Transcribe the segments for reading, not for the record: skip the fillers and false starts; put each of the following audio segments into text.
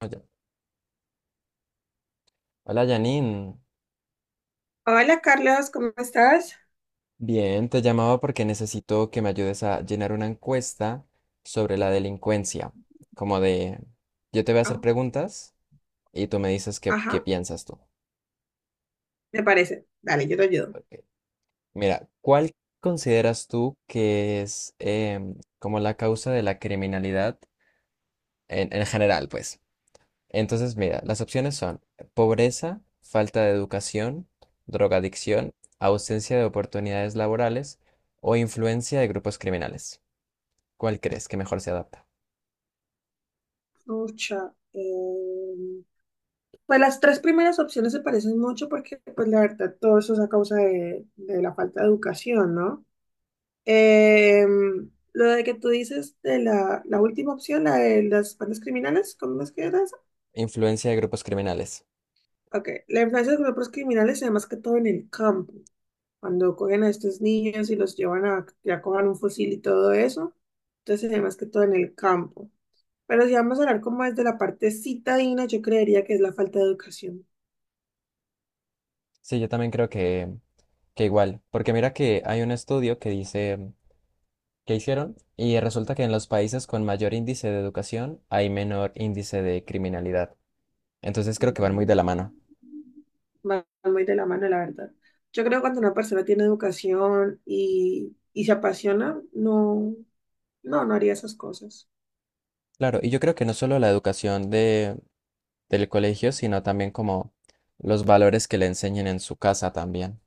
Hola hola, Janine. Hola Carlos, ¿cómo estás? Bien, te llamaba porque necesito que me ayudes a llenar una encuesta sobre la delincuencia. Como de, yo te voy a hacer Ah, preguntas y tú me dices qué ajá, piensas tú. me parece. Dale, yo te ayudo. Ok. Mira, ¿cuál consideras tú que es como la causa de la criminalidad en general, pues? Entonces, mira, las opciones son pobreza, falta de educación, drogadicción, ausencia de oportunidades laborales o influencia de grupos criminales. ¿Cuál crees que mejor se adapta? Pucha, pues las tres primeras opciones se parecen mucho porque pues la verdad todo eso es a causa de la falta de educación, ¿no? Lo de que tú dices de la, la última opción, la de las bandas criminales, ¿cómo es que era? Influencia de grupos criminales. Ok, la influencia de los grupos criminales se da más que todo en el campo, cuando cogen a estos niños y los llevan a que acojan un fusil y todo eso, entonces se da más que todo en el campo. Pero si vamos a hablar como es de la parte citadina, yo creería que es la falta de educación. Sí, yo también que igual, porque mira que hay un estudio que dice que hicieron y resulta que en los países con mayor índice de educación hay menor índice de criminalidad. Entonces creo que van muy de la Mm. mano. Van muy de la mano, la verdad. Yo creo que cuando una persona tiene educación y se apasiona, no, no haría esas cosas. Claro, y yo creo que no solo la educación de del colegio, sino también como los valores que le enseñen en su casa también.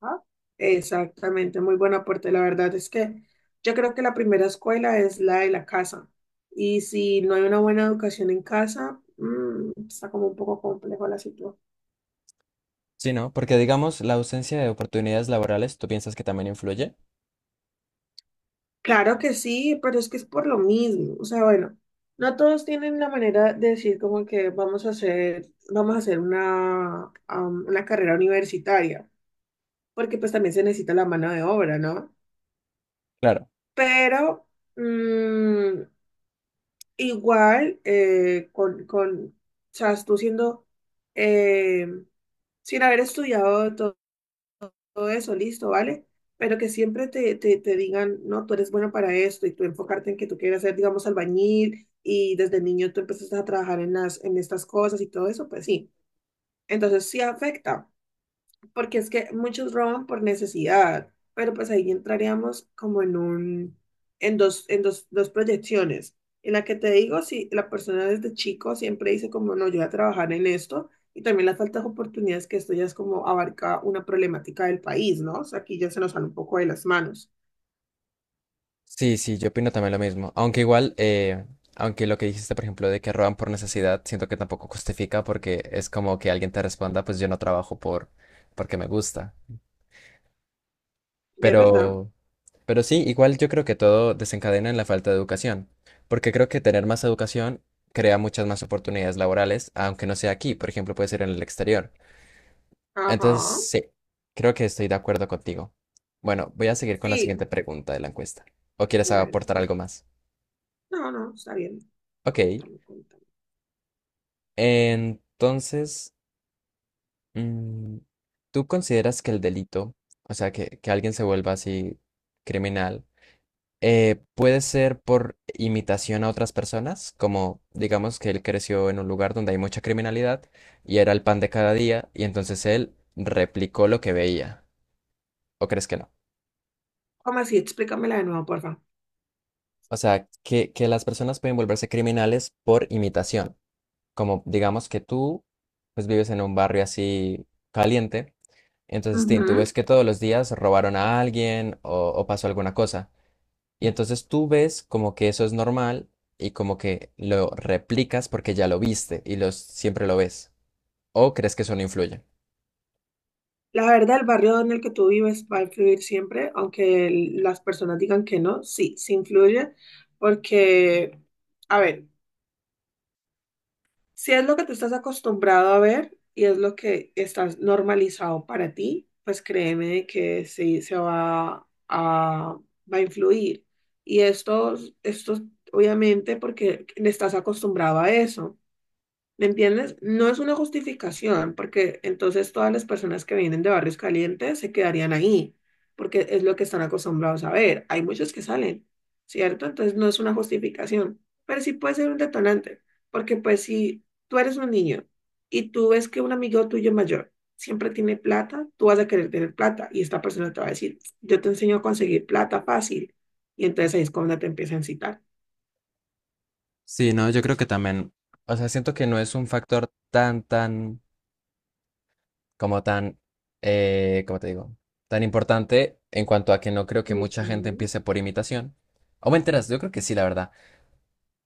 Ajá. Exactamente, muy buen aporte. La verdad es que yo creo que la primera escuela es la de la casa. Y si no hay una buena educación en casa, está como un poco complejo la situación. Sí, ¿no? Porque digamos, la ausencia de oportunidades laborales, ¿tú piensas que también influye? Claro que sí, pero es que es por lo mismo. O sea, bueno, no todos tienen la manera de decir como que vamos a hacer una, una carrera universitaria, porque pues también se necesita la mano de obra, ¿no? Claro. Pero... mm, Igual, o sea, tú siendo, eh, sin haber estudiado todo, eso, listo, ¿vale? Pero que siempre te, te digan, no, tú eres bueno para esto y tú enfocarte en que tú quieres ser, digamos, albañil y desde niño tú empezaste a trabajar en las, en estas cosas y todo eso, pues sí. Entonces sí afecta porque es que muchos roban por necesidad, pero pues ahí entraríamos como en un, en dos, en dos proyecciones. En la que te digo, si la persona desde chico siempre dice como, no, yo voy a trabajar en esto, y también las faltas de oportunidades, que esto ya es como abarca una problemática del país, ¿no? O sea, aquí ya se nos sale un poco de las manos. Sí, sí, yo opino también lo mismo. Aunque igual, aunque lo que dijiste, por ejemplo, de que roban por necesidad, siento que tampoco justifica porque es como que alguien te responda, pues yo no trabajo porque me gusta. ¿Es verdad? Pero, pero sí, igual yo creo que todo desencadena en la falta de educación, porque creo que tener más educación crea muchas más oportunidades laborales, aunque no sea aquí, por ejemplo, puede ser en el exterior. Entonces, Ajá. sí, creo que estoy de acuerdo contigo. Bueno, voy a seguir con la siguiente Sí, pregunta de la encuesta. ¿O quieres bueno. aportar algo más? No, no, está bien. Ok. Cuéntame, cuéntame. Entonces, mm, ¿tú consideras que el delito, o sea, que alguien se vuelva así criminal, puede ser por imitación a otras personas? Como, digamos, que él creció en un lugar donde hay mucha criminalidad y era el pan de cada día, y entonces él replicó lo que veía. ¿O crees que no? ¿Cómo así? Explícamela de nuevo, por O sea, que las personas pueden volverse criminales por imitación. Como, digamos, pues, vives en un barrio así caliente. Entonces, Tim, tú favor. ves que todos los días robaron a alguien o pasó alguna cosa. Y entonces tú ves como que eso es normal y como que lo replicas porque ya lo viste y los, siempre lo ves. ¿O crees que eso no influye? La verdad, el barrio en el que tú vives va a influir siempre, aunque las personas digan que no, sí, sí influye, porque, a ver, si es lo que tú estás acostumbrado a ver y es lo que estás normalizado para ti, pues créeme de que sí se va a, va a influir. Y esto obviamente porque estás acostumbrado a eso. ¿Me entiendes? No es una justificación, porque entonces todas las personas que vienen de barrios calientes se quedarían ahí, porque es lo que están acostumbrados a ver. Hay muchos que salen, ¿cierto? Entonces no es una justificación, pero sí puede ser un detonante, porque pues si tú eres un niño y tú ves que un amigo tuyo mayor siempre tiene plata, tú vas a querer tener plata y esta persona te va a decir, yo te enseño a conseguir plata fácil, y entonces ahí es cuando te empieza a incitar. Sí, no, yo creo que también. O sea, siento que no es un factor como tan, ¿cómo te digo? Tan importante en cuanto a que no creo que mucha gente Ujú. empiece por imitación. O me enteras, yo creo que sí, la verdad.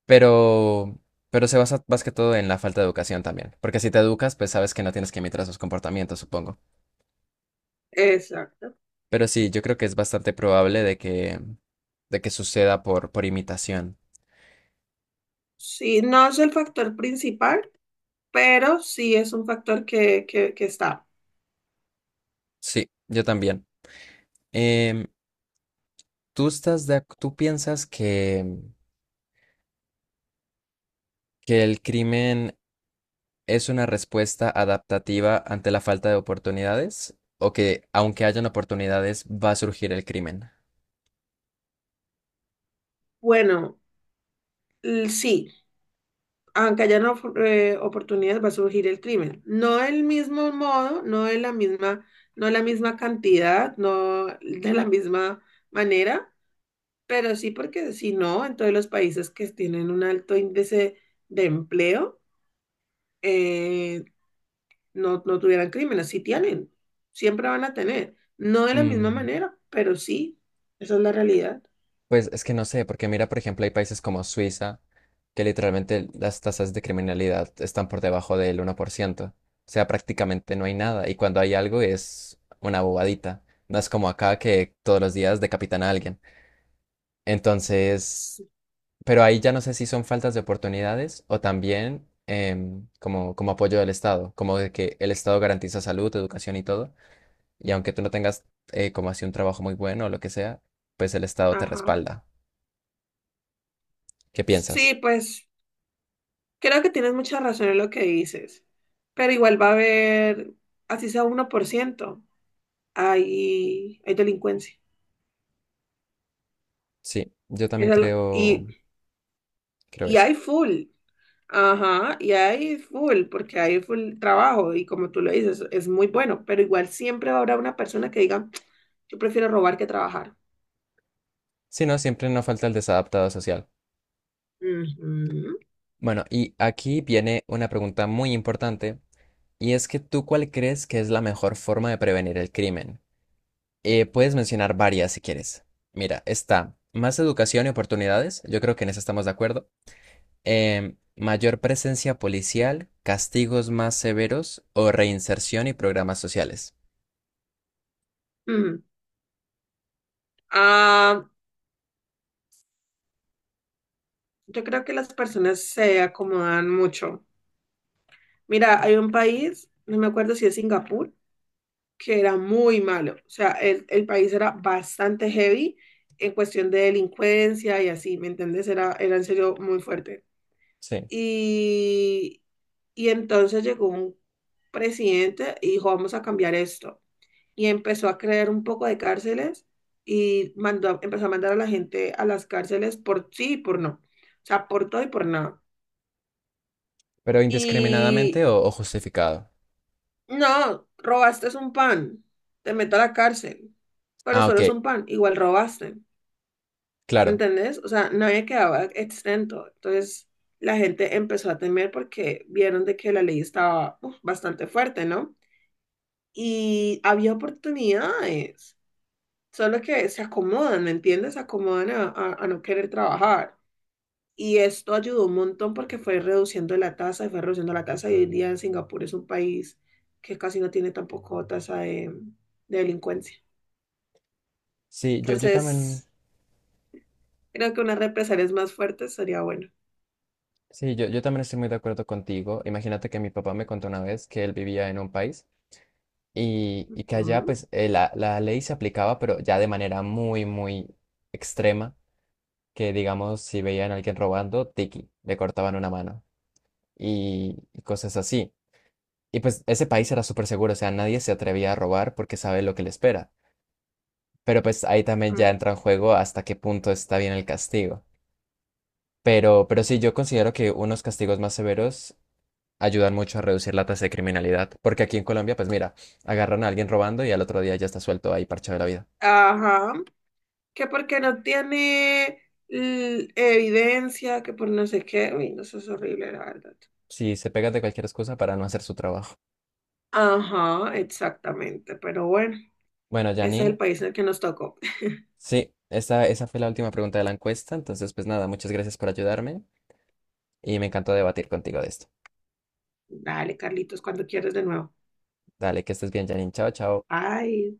Pero, pero se basa más que todo en la falta de educación también. Porque si te educas, pues sabes que no tienes que imitar sus comportamientos, supongo. Exacto. Pero sí, yo creo que es bastante probable de que suceda por imitación. Sí, no es el factor principal, pero sí es un factor que, que está. Sí, yo también. Em, ¿Tú estás tú piensas que el crimen es una respuesta adaptativa ante la falta de oportunidades? ¿O que aunque hayan oportunidades, va a surgir el crimen? Bueno, sí. Aunque haya no fu- oportunidad, va a surgir el crimen. No del mismo modo, no de la misma, no de la misma cantidad, no de la misma manera, pero sí porque si no, en todos los países que tienen un alto índice de empleo, eh, no, no tuvieran crímenes, sí tienen, siempre van a tener. No de la misma Mm, manera, pero sí, esa es la realidad. Pues es que no sé, porque mira, por ejemplo, hay países como Suiza, que literalmente las tasas de criminalidad están por debajo del 1%. O sea, prácticamente no hay nada. Y cuando hay algo es una bobadita. No es como acá que todos los días decapitan a alguien. Entonces, Sí. pero ahí ya no sé si son faltas de oportunidades o también como, como apoyo del Estado, como de que el Estado garantiza salud, educación y todo. Y aunque tú no tengas como así un trabajo muy bueno o lo que sea, pues el Estado te Ajá. respalda. ¿Qué Sí, piensas? pues. Creo que tienes mucha razón en lo que dices, pero igual va a haber, así sea 1% hay, hay delincuencia. Sí, yo también Eso es lo- creo, creo y eso. hay full, ajá, y hay full, porque hay full trabajo y como tú lo dices, es muy bueno, pero igual siempre habrá una persona que diga, yo prefiero robar que trabajar. Si no, siempre nos falta el desadaptado social. Ujú, Bueno, y aquí viene una pregunta muy importante, y es que tú cuál crees que es la mejor forma de prevenir el crimen. Puedes mencionar varias si quieres. Mira, está más educación y oportunidades, yo creo que en eso estamos de acuerdo. Em, mayor presencia policial, castigos más severos o reinserción y programas sociales. ujú. Ah, yo creo que las personas se acomodan mucho. Mira, hay un país, no me acuerdo si es Singapur, que era muy malo. O sea, el país era bastante heavy en cuestión de delincuencia y así, ¿me entiendes? Era, era en serio muy fuerte. Sí, Y, y entonces llegó un presidente y dijo, vamos a cambiar esto. Y empezó a crear un poco de cárceles y mandó, empezó a mandar a la gente a las cárceles por sí y por no. O sea, por todo y por nada. pero indiscriminadamente Y o justificado. no, robaste es un pan. Te meto a la cárcel. Pero Ah, solo es ok, un pan. Igual robaste. ¿Me claro. ¿Entendés? O sea, nadie quedaba exento. Entonces, la gente empezó a temer porque vieron de que la ley estaba uf, bastante fuerte, ¿no? Y había oportunidades. Solo que se acomodan, ¿me entiendes? Se acomodan a no querer trabajar. Y esto ayudó un montón porque fue reduciendo la tasa, y fue reduciendo la tasa y hoy en día Singapur es un país que casi no tiene tampoco tasa de delincuencia. Sí, yo, yo también, Entonces, creo que unas represalias más fuertes sería bueno. sí, yo también estoy muy de acuerdo contigo. Imagínate que mi papá me contó una vez que él vivía en un país y que allá Mm, pues la ley se aplicaba, pero ya de manera muy extrema, que digamos, si veían a alguien robando, tiki, le cortaban una mano y cosas así. Y pues ese país era súper seguro, o sea, nadie se atrevía a robar porque sabe lo que le espera. Pero pues ahí también ya mm. entra en juego hasta qué punto está bien el castigo. Pero sí, yo considero que unos castigos más severos ayudan mucho a reducir la tasa de criminalidad. Porque aquí en Colombia, pues mira, agarran a alguien robando y al otro día ya está suelto ahí parchado de la vida. Ajá, que porque no tiene evidencia, que por no sé qué, uy, no, eso es horrible, la verdad. Si se pegan de cualquier excusa para no hacer su trabajo. Ajá, exactamente, pero bueno, Bueno, ese es el Janine, país en el que nos tocó. sí, esa fue la última pregunta de la encuesta. Entonces, pues nada, muchas gracias por ayudarme y me encantó debatir contigo de esto. Dale, Carlitos, cuando quieres de nuevo. Dale, que estés bien, Janine. Chao, chao. Ay.